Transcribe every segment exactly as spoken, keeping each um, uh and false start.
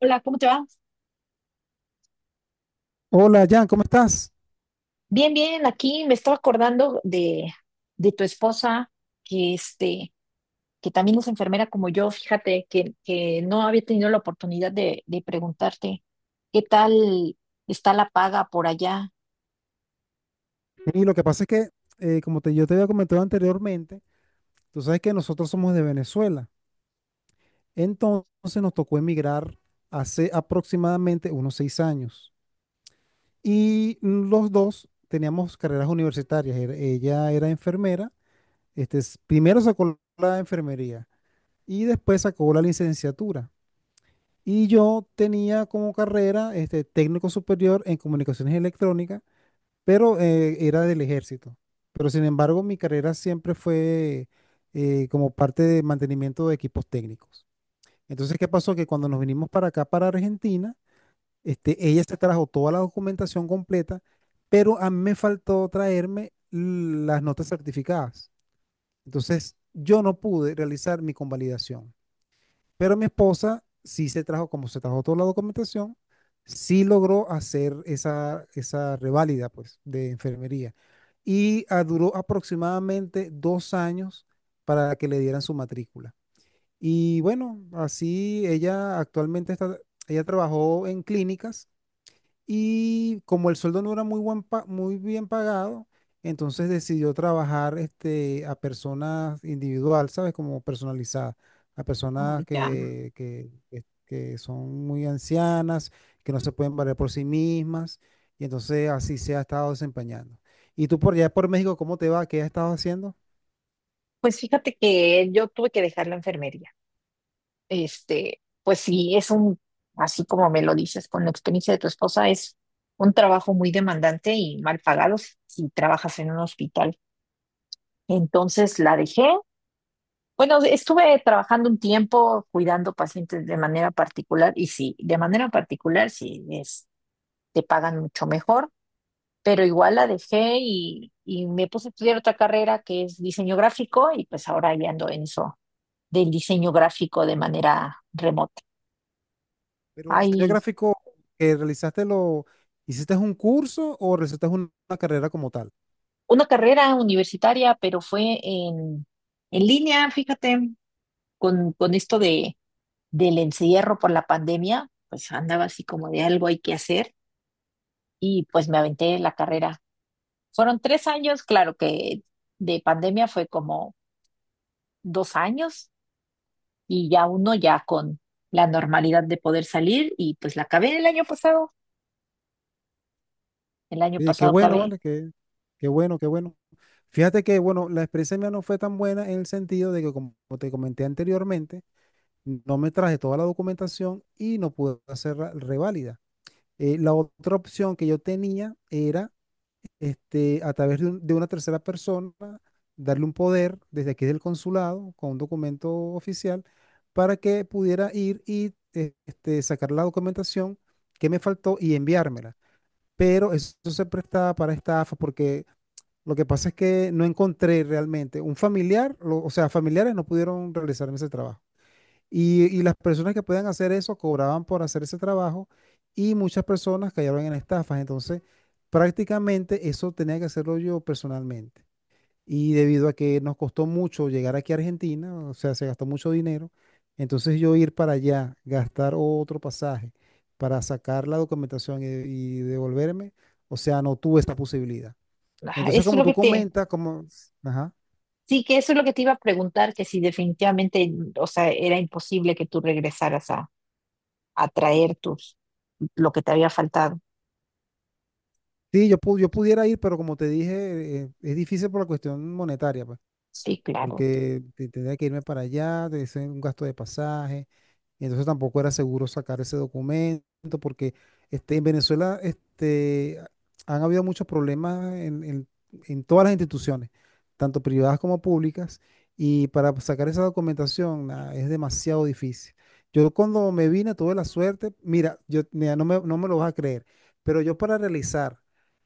Hola, ¿cómo te va? Hola, Jan, ¿cómo estás? Bien, bien, aquí me estaba acordando de, de tu esposa, que este, que también es enfermera como yo, fíjate, que, que no había tenido la oportunidad de, de preguntarte qué tal está la paga por allá. Y lo que pasa es que, eh, como te, yo te había comentado anteriormente, tú sabes que nosotros somos de Venezuela. Entonces nos tocó emigrar hace aproximadamente unos seis años. Y mm, los dos teníamos carreras universitarias. Era- Ella era enfermera. Este, s- primero sacó la enfermería y después sacó la licenciatura. Y yo tenía como carrera este, técnico superior en comunicaciones electrónicas pero eh, era del ejército. Pero sin embargo, mi carrera siempre fue eh, como parte de mantenimiento de equipos técnicos. Entonces, ¿qué pasó? Que cuando nos vinimos para acá, para Argentina, este, ella se trajo toda la documentación completa, pero a mí me faltó traerme las notas certificadas. Entonces, yo no pude realizar mi convalidación. Pero mi esposa sí se trajo, como se trajo toda la documentación, sí logró hacer esa, esa reválida, pues, de enfermería. Y ah, duró aproximadamente dos años para que le dieran su matrícula. Y bueno, así ella actualmente está, ella trabajó en clínicas y como el sueldo no era muy, buen pa- muy bien pagado, entonces decidió trabajar este, a personas individual, ¿sabes? Como personalizadas, a Oh, personas ya. que, que, que- que son muy ancianas, que no se pueden valer por sí mismas, y entonces así se ha estado desempeñando. ¿Y tú por allá por México, cómo te va? ¿Qué has estado haciendo? Pues fíjate que yo tuve que dejar la enfermería. Este, pues sí, es un, así como me lo dices, con la experiencia de tu esposa, es un trabajo muy demandante y mal pagado si si trabajas en un hospital. Entonces la dejé. Bueno, estuve trabajando un tiempo cuidando pacientes de manera particular y sí, de manera particular sí es, te pagan mucho mejor, pero igual la dejé y, y me puse a estudiar otra carrera que es diseño gráfico y pues ahora ya ando en eso del diseño gráfico de manera remota. Pero el diseño Hay gráfico que realizaste lo, ¿hiciste un curso o realizaste una una carrera como tal? una carrera universitaria, pero fue en, en línea, fíjate, con, con esto de, del encierro por la pandemia, pues andaba así como de algo hay que hacer y pues me aventé la carrera. Fueron tres años, claro que de pandemia fue como dos años y ya uno ya con la normalidad de poder salir y pues la acabé el año pasado, el año Oye, qué pasado bueno, acabé. ¿vale? Qué, qué bueno, qué bueno. Fíjate que, bueno, la experiencia mía no fue tan buena en el sentido de que, como te comenté anteriormente, no me traje toda la documentación y no pude hacer la reválida. Eh, la otra opción que yo tenía era, este, a través de, un- de una tercera persona, darle un poder desde aquí del consulado con un documento oficial para que pudiera ir y eh, este, sacar la documentación que me faltó y enviármela, pero eso se prestaba para estafa porque lo que pasa es que no encontré realmente un familiar, lo- o sea, familiares no pudieron realizar ese trabajo. Y, y las personas que podían hacer eso cobraban por hacer ese trabajo y muchas personas cayeron en estafas. Entonces, prácticamente eso tenía que hacerlo yo personalmente. Y debido a que nos costó mucho llegar aquí a Argentina, o sea, se gastó mucho dinero, entonces yo ir para allá, gastar otro pasaje para sacar la documentación y, y devolverme, o sea, no tuve esta posibilidad. Ajá. Entonces, Eso es como lo tú que te, comentas, como, ajá, sí que eso es lo que te iba a preguntar, que si definitivamente, o sea, era imposible que tú regresaras a, a traer tus, lo que te había faltado. sí, yo, pu- yo pudiera ir, pero como te dije, eh, es difícil por la cuestión monetaria, pues. Sí, claro, Porque te- tendría que irme para allá, de ser un gasto de pasaje, y entonces tampoco era seguro sacar ese documento, porque este, en Venezuela este, han habido muchos problemas en, en- en todas las instituciones, tanto privadas como públicas, y para sacar esa documentación nah, es demasiado difícil. Yo cuando me vine tuve la suerte, mira, yo, mira, no me, no me lo vas a creer, pero yo para realizar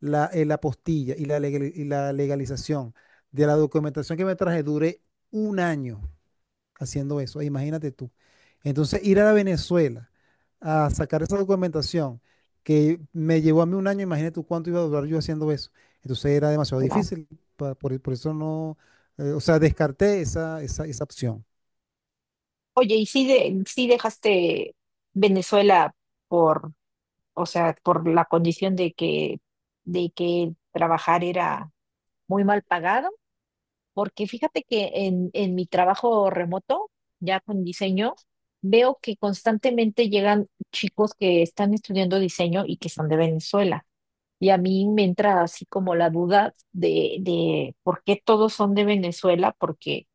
la, eh, la apostilla y la, legal- y la legalización de la documentación que me traje, duré un año haciendo eso, imagínate tú. Entonces, ir a Venezuela a sacar esa documentación que me llevó a mí un año, imagínate tú cuánto iba a durar yo haciendo eso. Entonces, era demasiado claro. difícil, pa- por, por eso no, eh, o sea, descarté esa, esa, esa opción. Oye, ¿y si, de, si dejaste Venezuela por, o sea, por la condición de que, de que trabajar era muy mal pagado, porque fíjate que en, en mi trabajo remoto, ya con diseño, veo que constantemente llegan chicos que están estudiando diseño y que son de Venezuela? Y a mí me entra así como la duda de, de por qué todos son de Venezuela, porque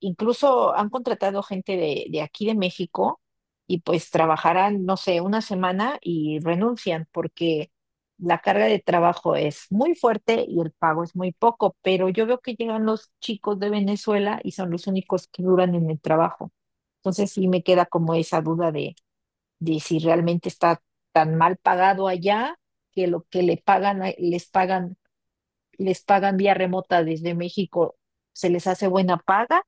incluso han contratado gente de, de aquí de México y pues trabajarán, no sé, una semana y renuncian porque la carga de trabajo es muy fuerte y el pago es muy poco, pero yo veo que llegan los chicos de Venezuela y son los únicos que duran en el trabajo. Entonces sí me queda como esa duda de, de si realmente está tan mal pagado allá, que lo que le pagan, a- les pagan, les pagan vía remota desde México se les hace buena paga,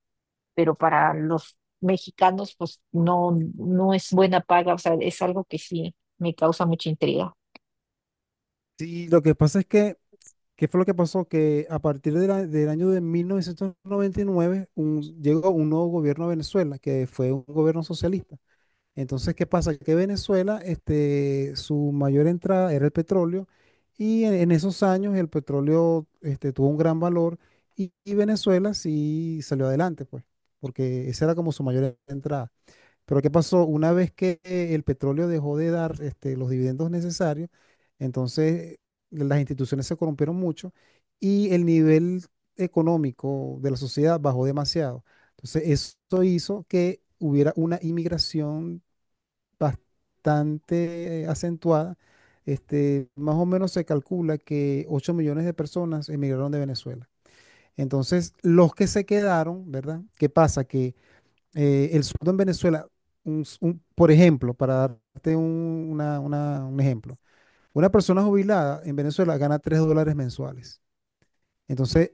pero para los mexicanos, pues no, no es buena paga, o sea, es algo que sí me causa mucha intriga. Sí, lo que pasa es que, ¿qué fue lo que pasó? Que a partir de la- del año de mil novecientos noventa y nueve un- llegó un nuevo gobierno a Venezuela, que fue un gobierno socialista. Entonces, ¿qué pasa? Que Venezuela, este, su mayor entrada era el petróleo y en, en esos años el petróleo, este, tuvo un gran valor y, y Venezuela sí salió adelante, pues, porque esa era como su mayor entrada. Pero ¿qué pasó? Una vez que el petróleo dejó de dar, este, los dividendos necesarios, entonces eh, las instituciones se corrompieron mucho y el nivel económico de la sociedad bajó demasiado. Entonces, esto hizo que hubiera una inmigración bastante eh, acentuada. Este, más o menos se calcula que ocho millones de personas emigraron de Venezuela. Entonces, los que se quedaron, ¿verdad? ¿Qué pasa? Que eh, el sueldo en Venezuela, un s- un- por ejemplo, para darte un, una- una- un ejemplo, una persona jubilada en Venezuela gana tres dólares mensuales. Entonces,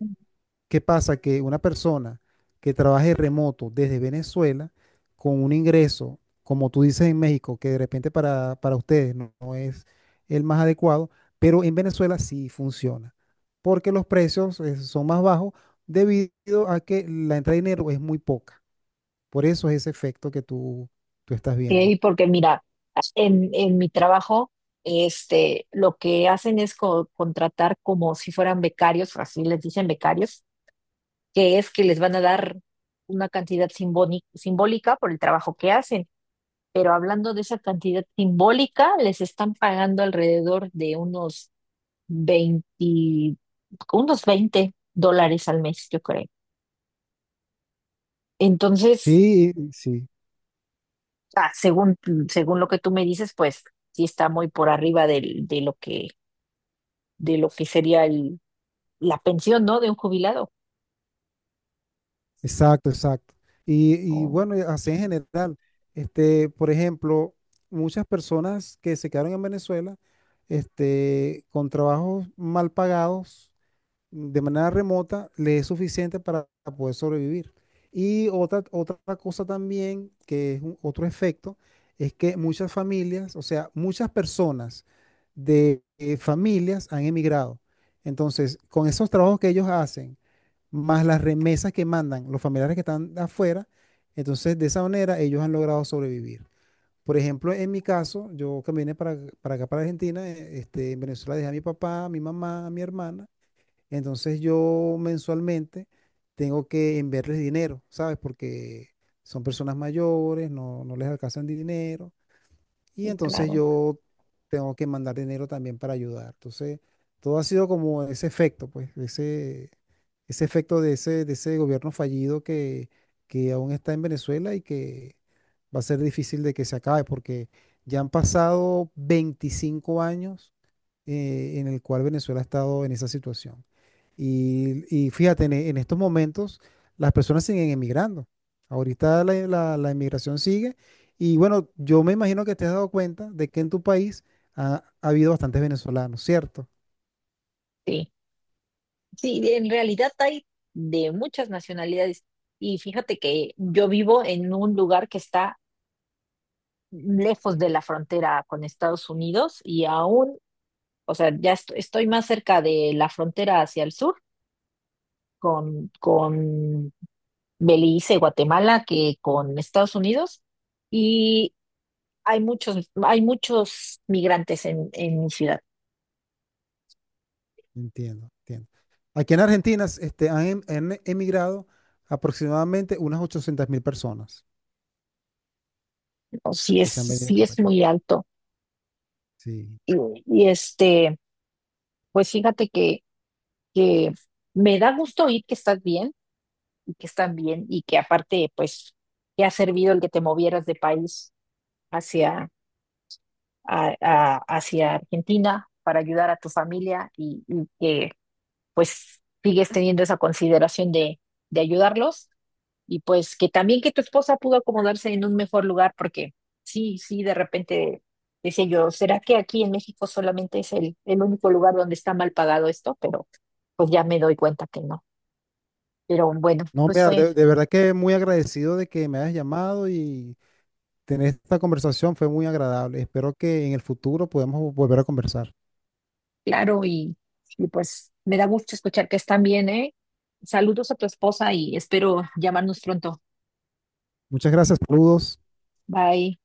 ¿qué pasa? Que una persona que trabaje remoto desde Venezuela con un ingreso, como tú dices en México, que de repente para, para ustedes no, no es el más adecuado, pero en Venezuela sí funciona, porque los precios eh, son más bajos debido a que la entrada de dinero es muy poca. Por eso es ese efecto que tú, tú estás viendo. Y porque mira, en, en mi trabajo, este, lo que hacen es co- contratar como si fueran becarios, o así les dicen, becarios, que es que les van a dar una cantidad simbóni- simbólica por el trabajo que hacen. Pero hablando de esa cantidad simbólica, les están pagando alrededor de unos veinte unos veinte dólares al mes, yo creo. Entonces, Sí, sí, ah, según, según lo que tú me dices, pues sí está muy por arriba del- de, lo que, de lo que sería el- la pensión, ¿no? De un jubilado. exacto, exacto. Y, y Oh, bueno, y así en general, este, por ejemplo, muchas personas que se quedaron en Venezuela, este, con trabajos mal pagados, de manera remota le es suficiente para poder sobrevivir. Y otra, otra cosa también, que es un- otro efecto, es que muchas familias, o sea, muchas personas de eh, familias han emigrado. Entonces, con esos trabajos que ellos hacen, más las remesas que mandan los familiares que están afuera, entonces de esa manera ellos han logrado sobrevivir. Por ejemplo, en mi caso, yo que vine para, para acá, para Argentina, eh, este, en Venezuela dejé a mi papá, a mi mamá, a mi hermana. Entonces yo mensualmente tengo que enviarles dinero, ¿sabes? Porque son personas mayores, no, no les alcanzan dinero. Y sí, entonces claro, yo tengo que mandar dinero también para ayudar. Entonces, todo ha sido como ese efecto, pues, ese, ese efecto de ese, de ese gobierno fallido que, que aún está en Venezuela y que va a ser difícil de que se acabe, porque ya han pasado veinticinco años eh, en el cual Venezuela ha estado en esa situación. Y, y fíjate, en, e- en estos momentos las personas siguen emigrando. Ahorita la, la, la emigración sigue. Y bueno, yo me imagino que te has dado cuenta de que en tu país ha, ha habido bastantes venezolanos, ¿cierto? sí. Sí, en realidad hay de muchas nacionalidades. Y fíjate que yo vivo en un lugar que está lejos de la frontera con Estados Unidos y aún, o sea, ya est- estoy más cerca de la frontera hacia el sur con, con Belice, Guatemala, que con Estados Unidos. Y hay muchos, hay muchos migrantes en, en mi ciudad. Entiendo, entiendo. Aquí en Argentina este, han, em- han emigrado aproximadamente unas ochocientas mil personas ¿No? Sí es, que se han venido sí para es acá. muy alto. Sí. Y, y este, pues fíjate que, que me da gusto oír que estás bien y que están bien y que aparte, pues, te ha servido el que te movieras de país hacia, a- a- hacia Argentina para ayudar a tu familia, y, y que pues sigues teniendo esa consideración de, de ayudarlos y pues que también que tu esposa pudo acomodarse en un mejor lugar, porque sí, sí, de repente decía yo, ¿será que aquí en México solamente es el, el único lugar donde está mal pagado esto? Pero pues ya me doy cuenta que no. Pero bueno, No, pues mira, fue de, de verdad que muy agradecido de que me hayas llamado y tener esta conversación fue muy agradable. Espero que en el futuro podamos volver a conversar. claro, y, y pues me da gusto escuchar que están bien, ¿eh? Saludos a tu esposa y espero llamarnos pronto. Muchas gracias, saludos. Bye.